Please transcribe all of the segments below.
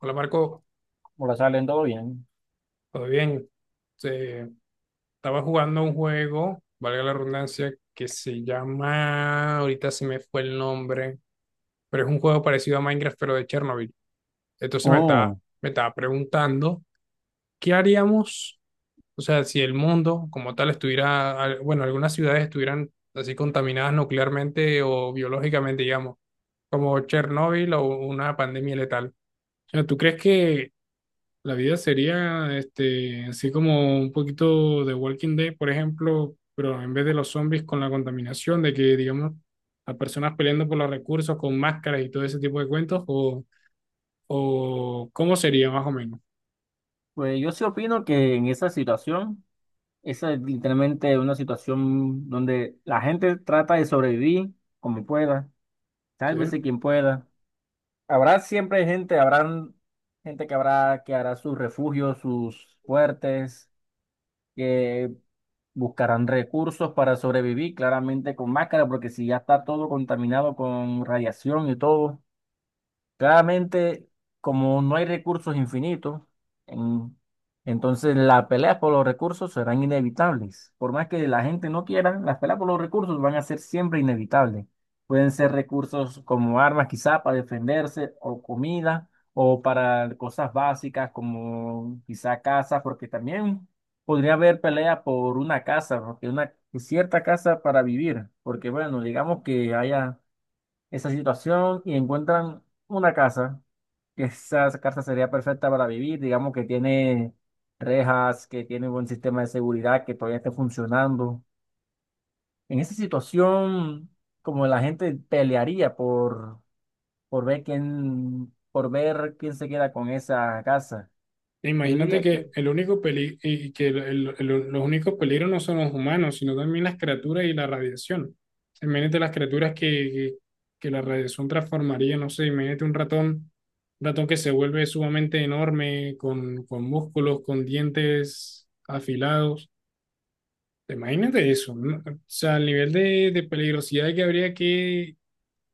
Hola Marco, Hola, salen todo bien. ¿todo bien? Eh, Estaba jugando un juego, valga la redundancia, que se llama, ahorita se me fue el nombre, pero es un juego parecido a Minecraft, pero de Chernobyl. Entonces me estaba, Oh, Me estaba preguntando, ¿qué haríamos? O sea, si el mundo como tal estuviera, bueno, algunas ciudades estuvieran así contaminadas nuclearmente o biológicamente, digamos, como Chernobyl o una pandemia letal. O sea, ¿tú crees que la vida sería así como un poquito de Walking Dead, por ejemplo, pero en vez de los zombies con la contaminación, de que, digamos, las personas peleando por los recursos con máscaras y todo ese tipo de cuentos, o cómo sería más o menos? pues yo sí opino que en esa situación, esa es literalmente una situación donde la gente trata de sobrevivir como pueda, ¿Sí? sálvese quien pueda. Habrá siempre gente, habrán gente que habrá que hará sus refugios, sus fuertes, que buscarán recursos para sobrevivir, claramente con máscara, porque si ya está todo contaminado con radiación y todo. Claramente, como no hay recursos infinitos, en- entonces las peleas por los recursos serán inevitables. Por más que la gente no quiera, las peleas por los recursos van a ser siempre inevitables. Pueden ser recursos como armas, quizá para defenderse, o comida, o para cosas básicas como quizá casa, porque también podría haber pelea por una casa, porque una cierta casa para vivir, porque bueno, digamos que haya esa situación y encuentran una casa, que esa casa sería perfecta para vivir, digamos que tiene rejas, que tiene un buen sistema de seguridad, que todavía esté funcionando. En esa situación, como la gente pelearía por ver quién se queda con esa casa. Yo Imagínate diría que que el único peli y que el- los únicos peligros no son los humanos, sino también las criaturas y la radiación. Imagínate las criaturas que, que la radiación transformaría, no sé, imagínate un ratón que se vuelve sumamente enorme, con músculos, con dientes afilados. Imagínate eso, ¿no? O sea, el nivel de peligrosidad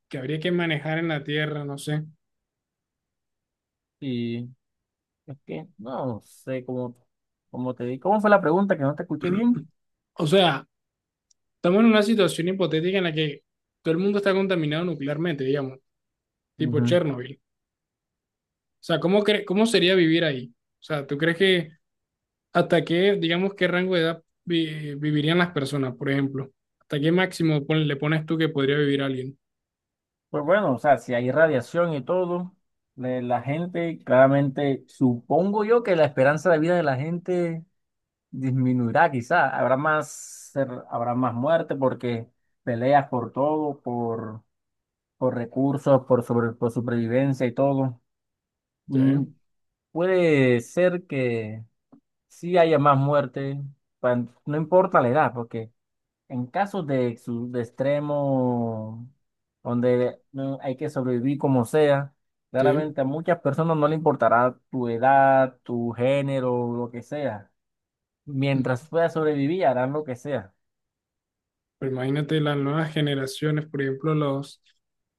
que habría que manejar en la Tierra, no sé. sí, es que no sé cómo, cómo te di. ¿Cómo fue la pregunta que no te escuché bien? O sea, estamos en una situación hipotética en la que todo el mundo está contaminado nuclearmente, digamos, tipo Ujú. Chernobyl. O sea, ¿cómo sería vivir ahí? O sea, ¿tú crees que hasta qué, digamos, qué rango de edad vivirían las personas, por ejemplo? ¿Hasta qué máximo le pones tú que podría vivir alguien? Pues bueno, o sea, si hay radiación y todo, la gente, claramente, supongo yo que la esperanza de vida de la gente disminuirá, quizá. Habrá más, habrá más muerte porque peleas por todo, por recursos, por, sobre, por supervivencia y todo. Sí, Mm, puede ser que sí haya más muerte, pa- no importa la edad, porque en casos de, de extremo, donde hay que sobrevivir como sea, sí. claramente a muchas personas no le importará tu edad, tu género, lo que sea. Mientras puedas sobrevivir, harán lo que sea. Pero imagínate las nuevas generaciones, por ejemplo,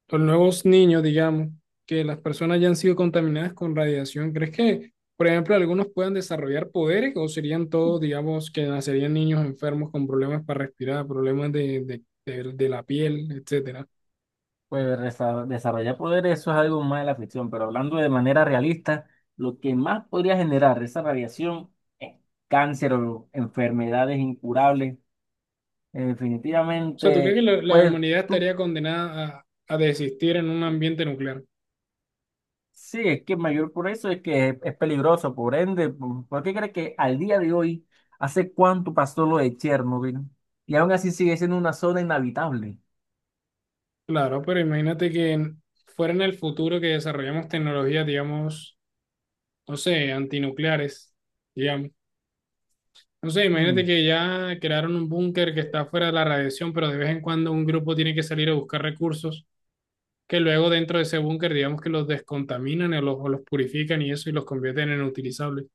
los nuevos niños, digamos, que las personas ya han sido contaminadas con radiación. ¿Crees que, por ejemplo, algunos puedan desarrollar poderes o serían todos, digamos, que nacerían niños enfermos con problemas para respirar, problemas de la piel, etcétera? Desarrollar poder, eso es algo más de la ficción, pero hablando de manera realista, lo que más podría generar esa radiación es cáncer o enfermedades incurables. O sea, ¿tú crees que Definitivamente, la pues humanidad tú estaría condenada a desistir en un ambiente nuclear? sí, es que mayor por eso es que es peligroso, por ende, por qué crees que al día de hoy, hace cuánto pasó lo de Chernobyl? Y aún así sigue siendo una zona inhabitable. Claro, pero imagínate fuera en el futuro que desarrollamos tecnologías, digamos, no sé, antinucleares, digamos. No sé, imagínate Mm. que ya crearon un búnker que está fuera de la radiación, pero de vez en cuando un grupo tiene que salir a buscar recursos que luego dentro de ese búnker, digamos que los descontaminan o los purifican y eso y los convierten en utilizables.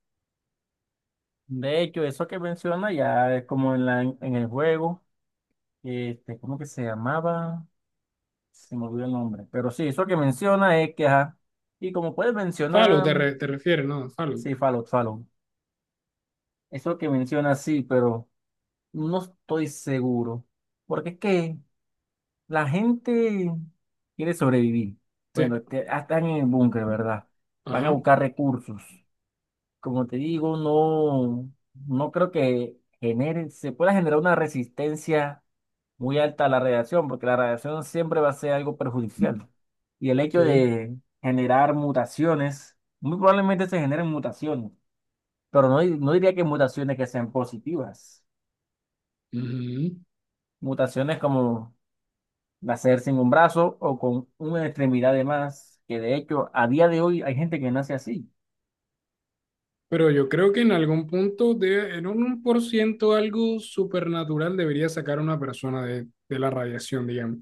De hecho, eso que menciona ya es como en la, en el juego, ¿cómo que se llamaba? Se me olvidó el nombre. Pero sí, eso que menciona es que, ajá, y como puedes mencionar, Te refieres ¿no? Fallout. sí, Fallout, Fallout. Eso que menciona sí, pero no estoy seguro. Porque es que la gente quiere sobrevivir. Sí. Bueno, están en el búnker, ¿verdad? Van a Ajá. buscar recursos. Como te digo, no, no creo que genere, se pueda generar una resistencia muy alta a la radiación, porque la radiación siempre va a ser algo perjudicial. Y el hecho Sí. de generar mutaciones, muy probablemente se generen mutaciones, pero no, no diría que mutaciones que sean positivas. Ujú. Mutaciones como nacer sin un brazo o con una extremidad de más, que de hecho a día de hoy hay gente que nace así. Pero yo creo que en algún punto, de, en un uno por ciento algo supernatural debería sacar a una persona de la radiación, digamos.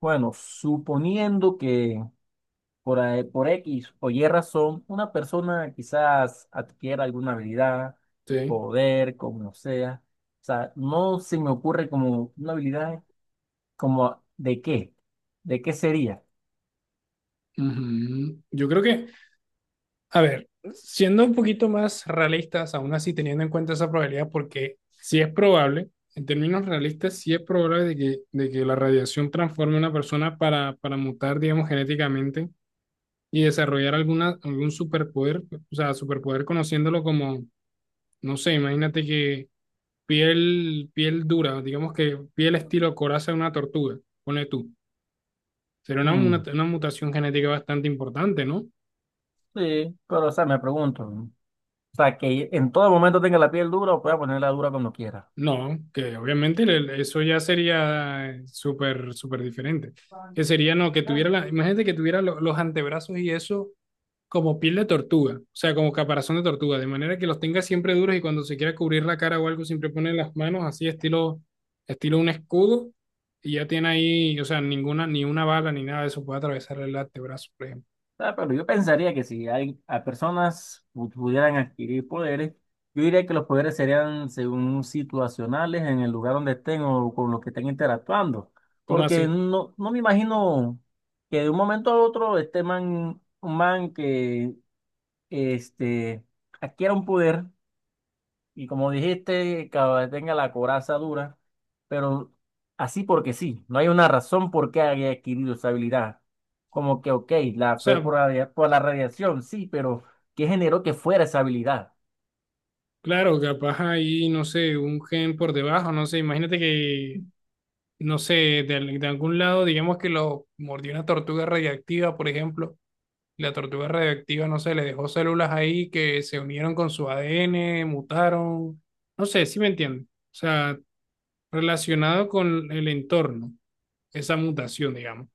Bueno, suponiendo que por, por X o Y razón, una persona quizás adquiera alguna habilidad, Sí. poder, como sea. O sea, no se me ocurre como una habilidad como de qué sería. Ujú. Yo creo que a ver, siendo un poquito más realistas, aún así teniendo en cuenta esa probabilidad, porque sí es probable, en términos realistas, sí es probable de que la radiación transforme a una persona para mutar, digamos, genéticamente y desarrollar algún superpoder, o sea, superpoder conociéndolo como, no sé, imagínate que piel dura, digamos que piel estilo coraza de una tortuga, pone tú. Sería Mm, una mutación genética bastante importante, ¿no? sí, pero o sea, me pregunto, ¿no? O sea, que en todo momento tenga la piel dura o pueda ponerla dura cuando quiera. No, que obviamente eso ya sería súper diferente. Que sería, no, que tuviera la, imagínate que tuviera los antebrazos y eso como piel de tortuga, o sea, como caparazón de tortuga, de manera que los tenga siempre duros y cuando se quiera cubrir la cara o algo, siempre pone las manos así, estilo un escudo, y ya tiene ahí, o sea, ninguna, ni una bala ni nada de eso puede atravesar el antebrazo, por ejemplo. Ah, pero yo pensaría que si hay, a personas pudieran adquirir poderes, yo diría que los poderes serían según situacionales en el lugar donde estén o con los que estén interactuando. ¿Cómo Porque así? no, no me imagino que de un momento a otro este man, un man que este, adquiera un poder. Y como dijiste, que tenga la coraza dura, pero así porque sí, no hay una razón por qué haya adquirido esa habilidad. Como que, ok, O la fue sea, por, por la radiación, sí, pero ¿qué generó que fuera esa habilidad? claro, capaz ahí, no sé, un gen por debajo, no sé, imagínate que no sé, de algún lado, digamos que lo mordió una tortuga radiactiva, por ejemplo. Y la tortuga radiactiva, no sé, le dejó células ahí que se unieron con su ADN, mutaron. No sé, si me entienden. O sea, relacionado con el entorno, esa mutación, digamos.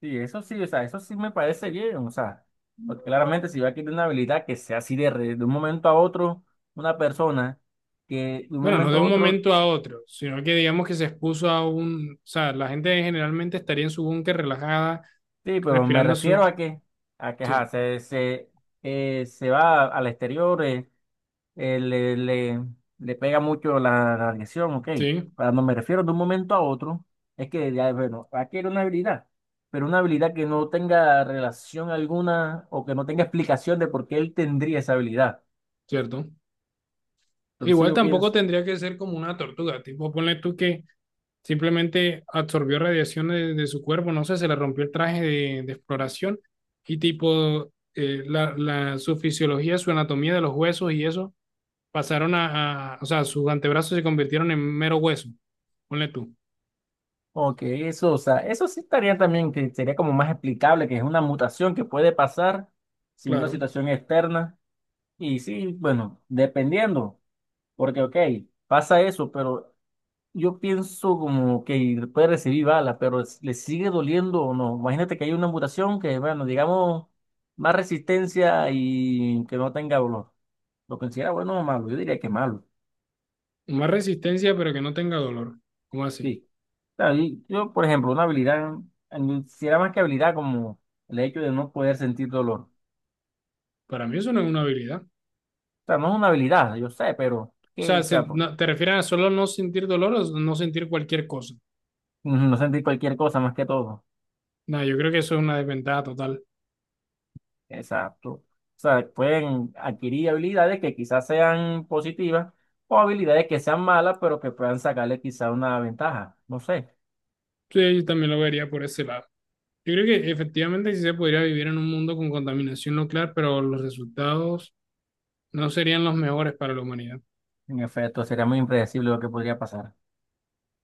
Sí, eso sí, o sea, eso sí me parece bien, o sea, porque claramente si va a adquirir una habilidad que sea así de, de un momento a otro, una persona que de un Bueno, no momento de a un otro, momento a otro, sino que digamos que se expuso a un... O sea, la gente generalmente estaría en su búnker relajada, sí, pero me respirando refiero su... a que Sí, ajá, se, se va al exterior. Eh, le, le- Le pega mucho la la radiación, ok. sí, Cuando me refiero de un momento a otro, es que, ya, bueno, adquiere una habilidad, pero una habilidad que no tenga relación alguna o que no tenga explicación de por qué él tendría esa habilidad. cierto. Entonces Igual yo tampoco pienso, tendría que ser como una tortuga, tipo, ponle tú que simplemente absorbió radiación de su cuerpo, no sé, se le rompió el traje de exploración y tipo su fisiología, su anatomía de los huesos y eso pasaron o sea, sus antebrazos se convirtieron en mero hueso, ponle tú, ok, eso, o sea, eso sí estaría también, que sería como más explicable, que es una mutación que puede pasar sin una claro. situación externa. Y sí, bueno, dependiendo, porque, ok, pasa eso, pero... Yo pienso como que puede recibir bala, pero ¿le sigue doliendo o no? Imagínate que hay una mutación que, bueno, digamos, más resistencia y que no tenga dolor. ¿Lo considera bueno o malo? Yo diría que malo. Más resistencia, pero que no tenga dolor. ¿Cómo así? Sí. Claro, y yo, por ejemplo, una habilidad, eh, si era más que habilidad, como el hecho de no poder sentir dolor. O Para mí eso no es una habilidad. sea, no es una habilidad, yo sé, pero, O ¿qué? sea, O sea, se, no, ¿te refieres a solo no sentir dolor o no sentir cualquier cosa? no sentir cualquier cosa más que todo. No, yo creo que eso es una desventaja total. Exacto. O sea, pueden adquirir habilidades que quizás sean positivas o habilidades que sean malas, pero que puedan sacarle quizás una ventaja. No sé. Sí, yo también lo vería por ese lado. Yo creo que efectivamente sí se podría vivir en un mundo con contaminación nuclear, pero los resultados no serían los mejores para la humanidad. En efecto, sería muy impredecible lo que podría pasar.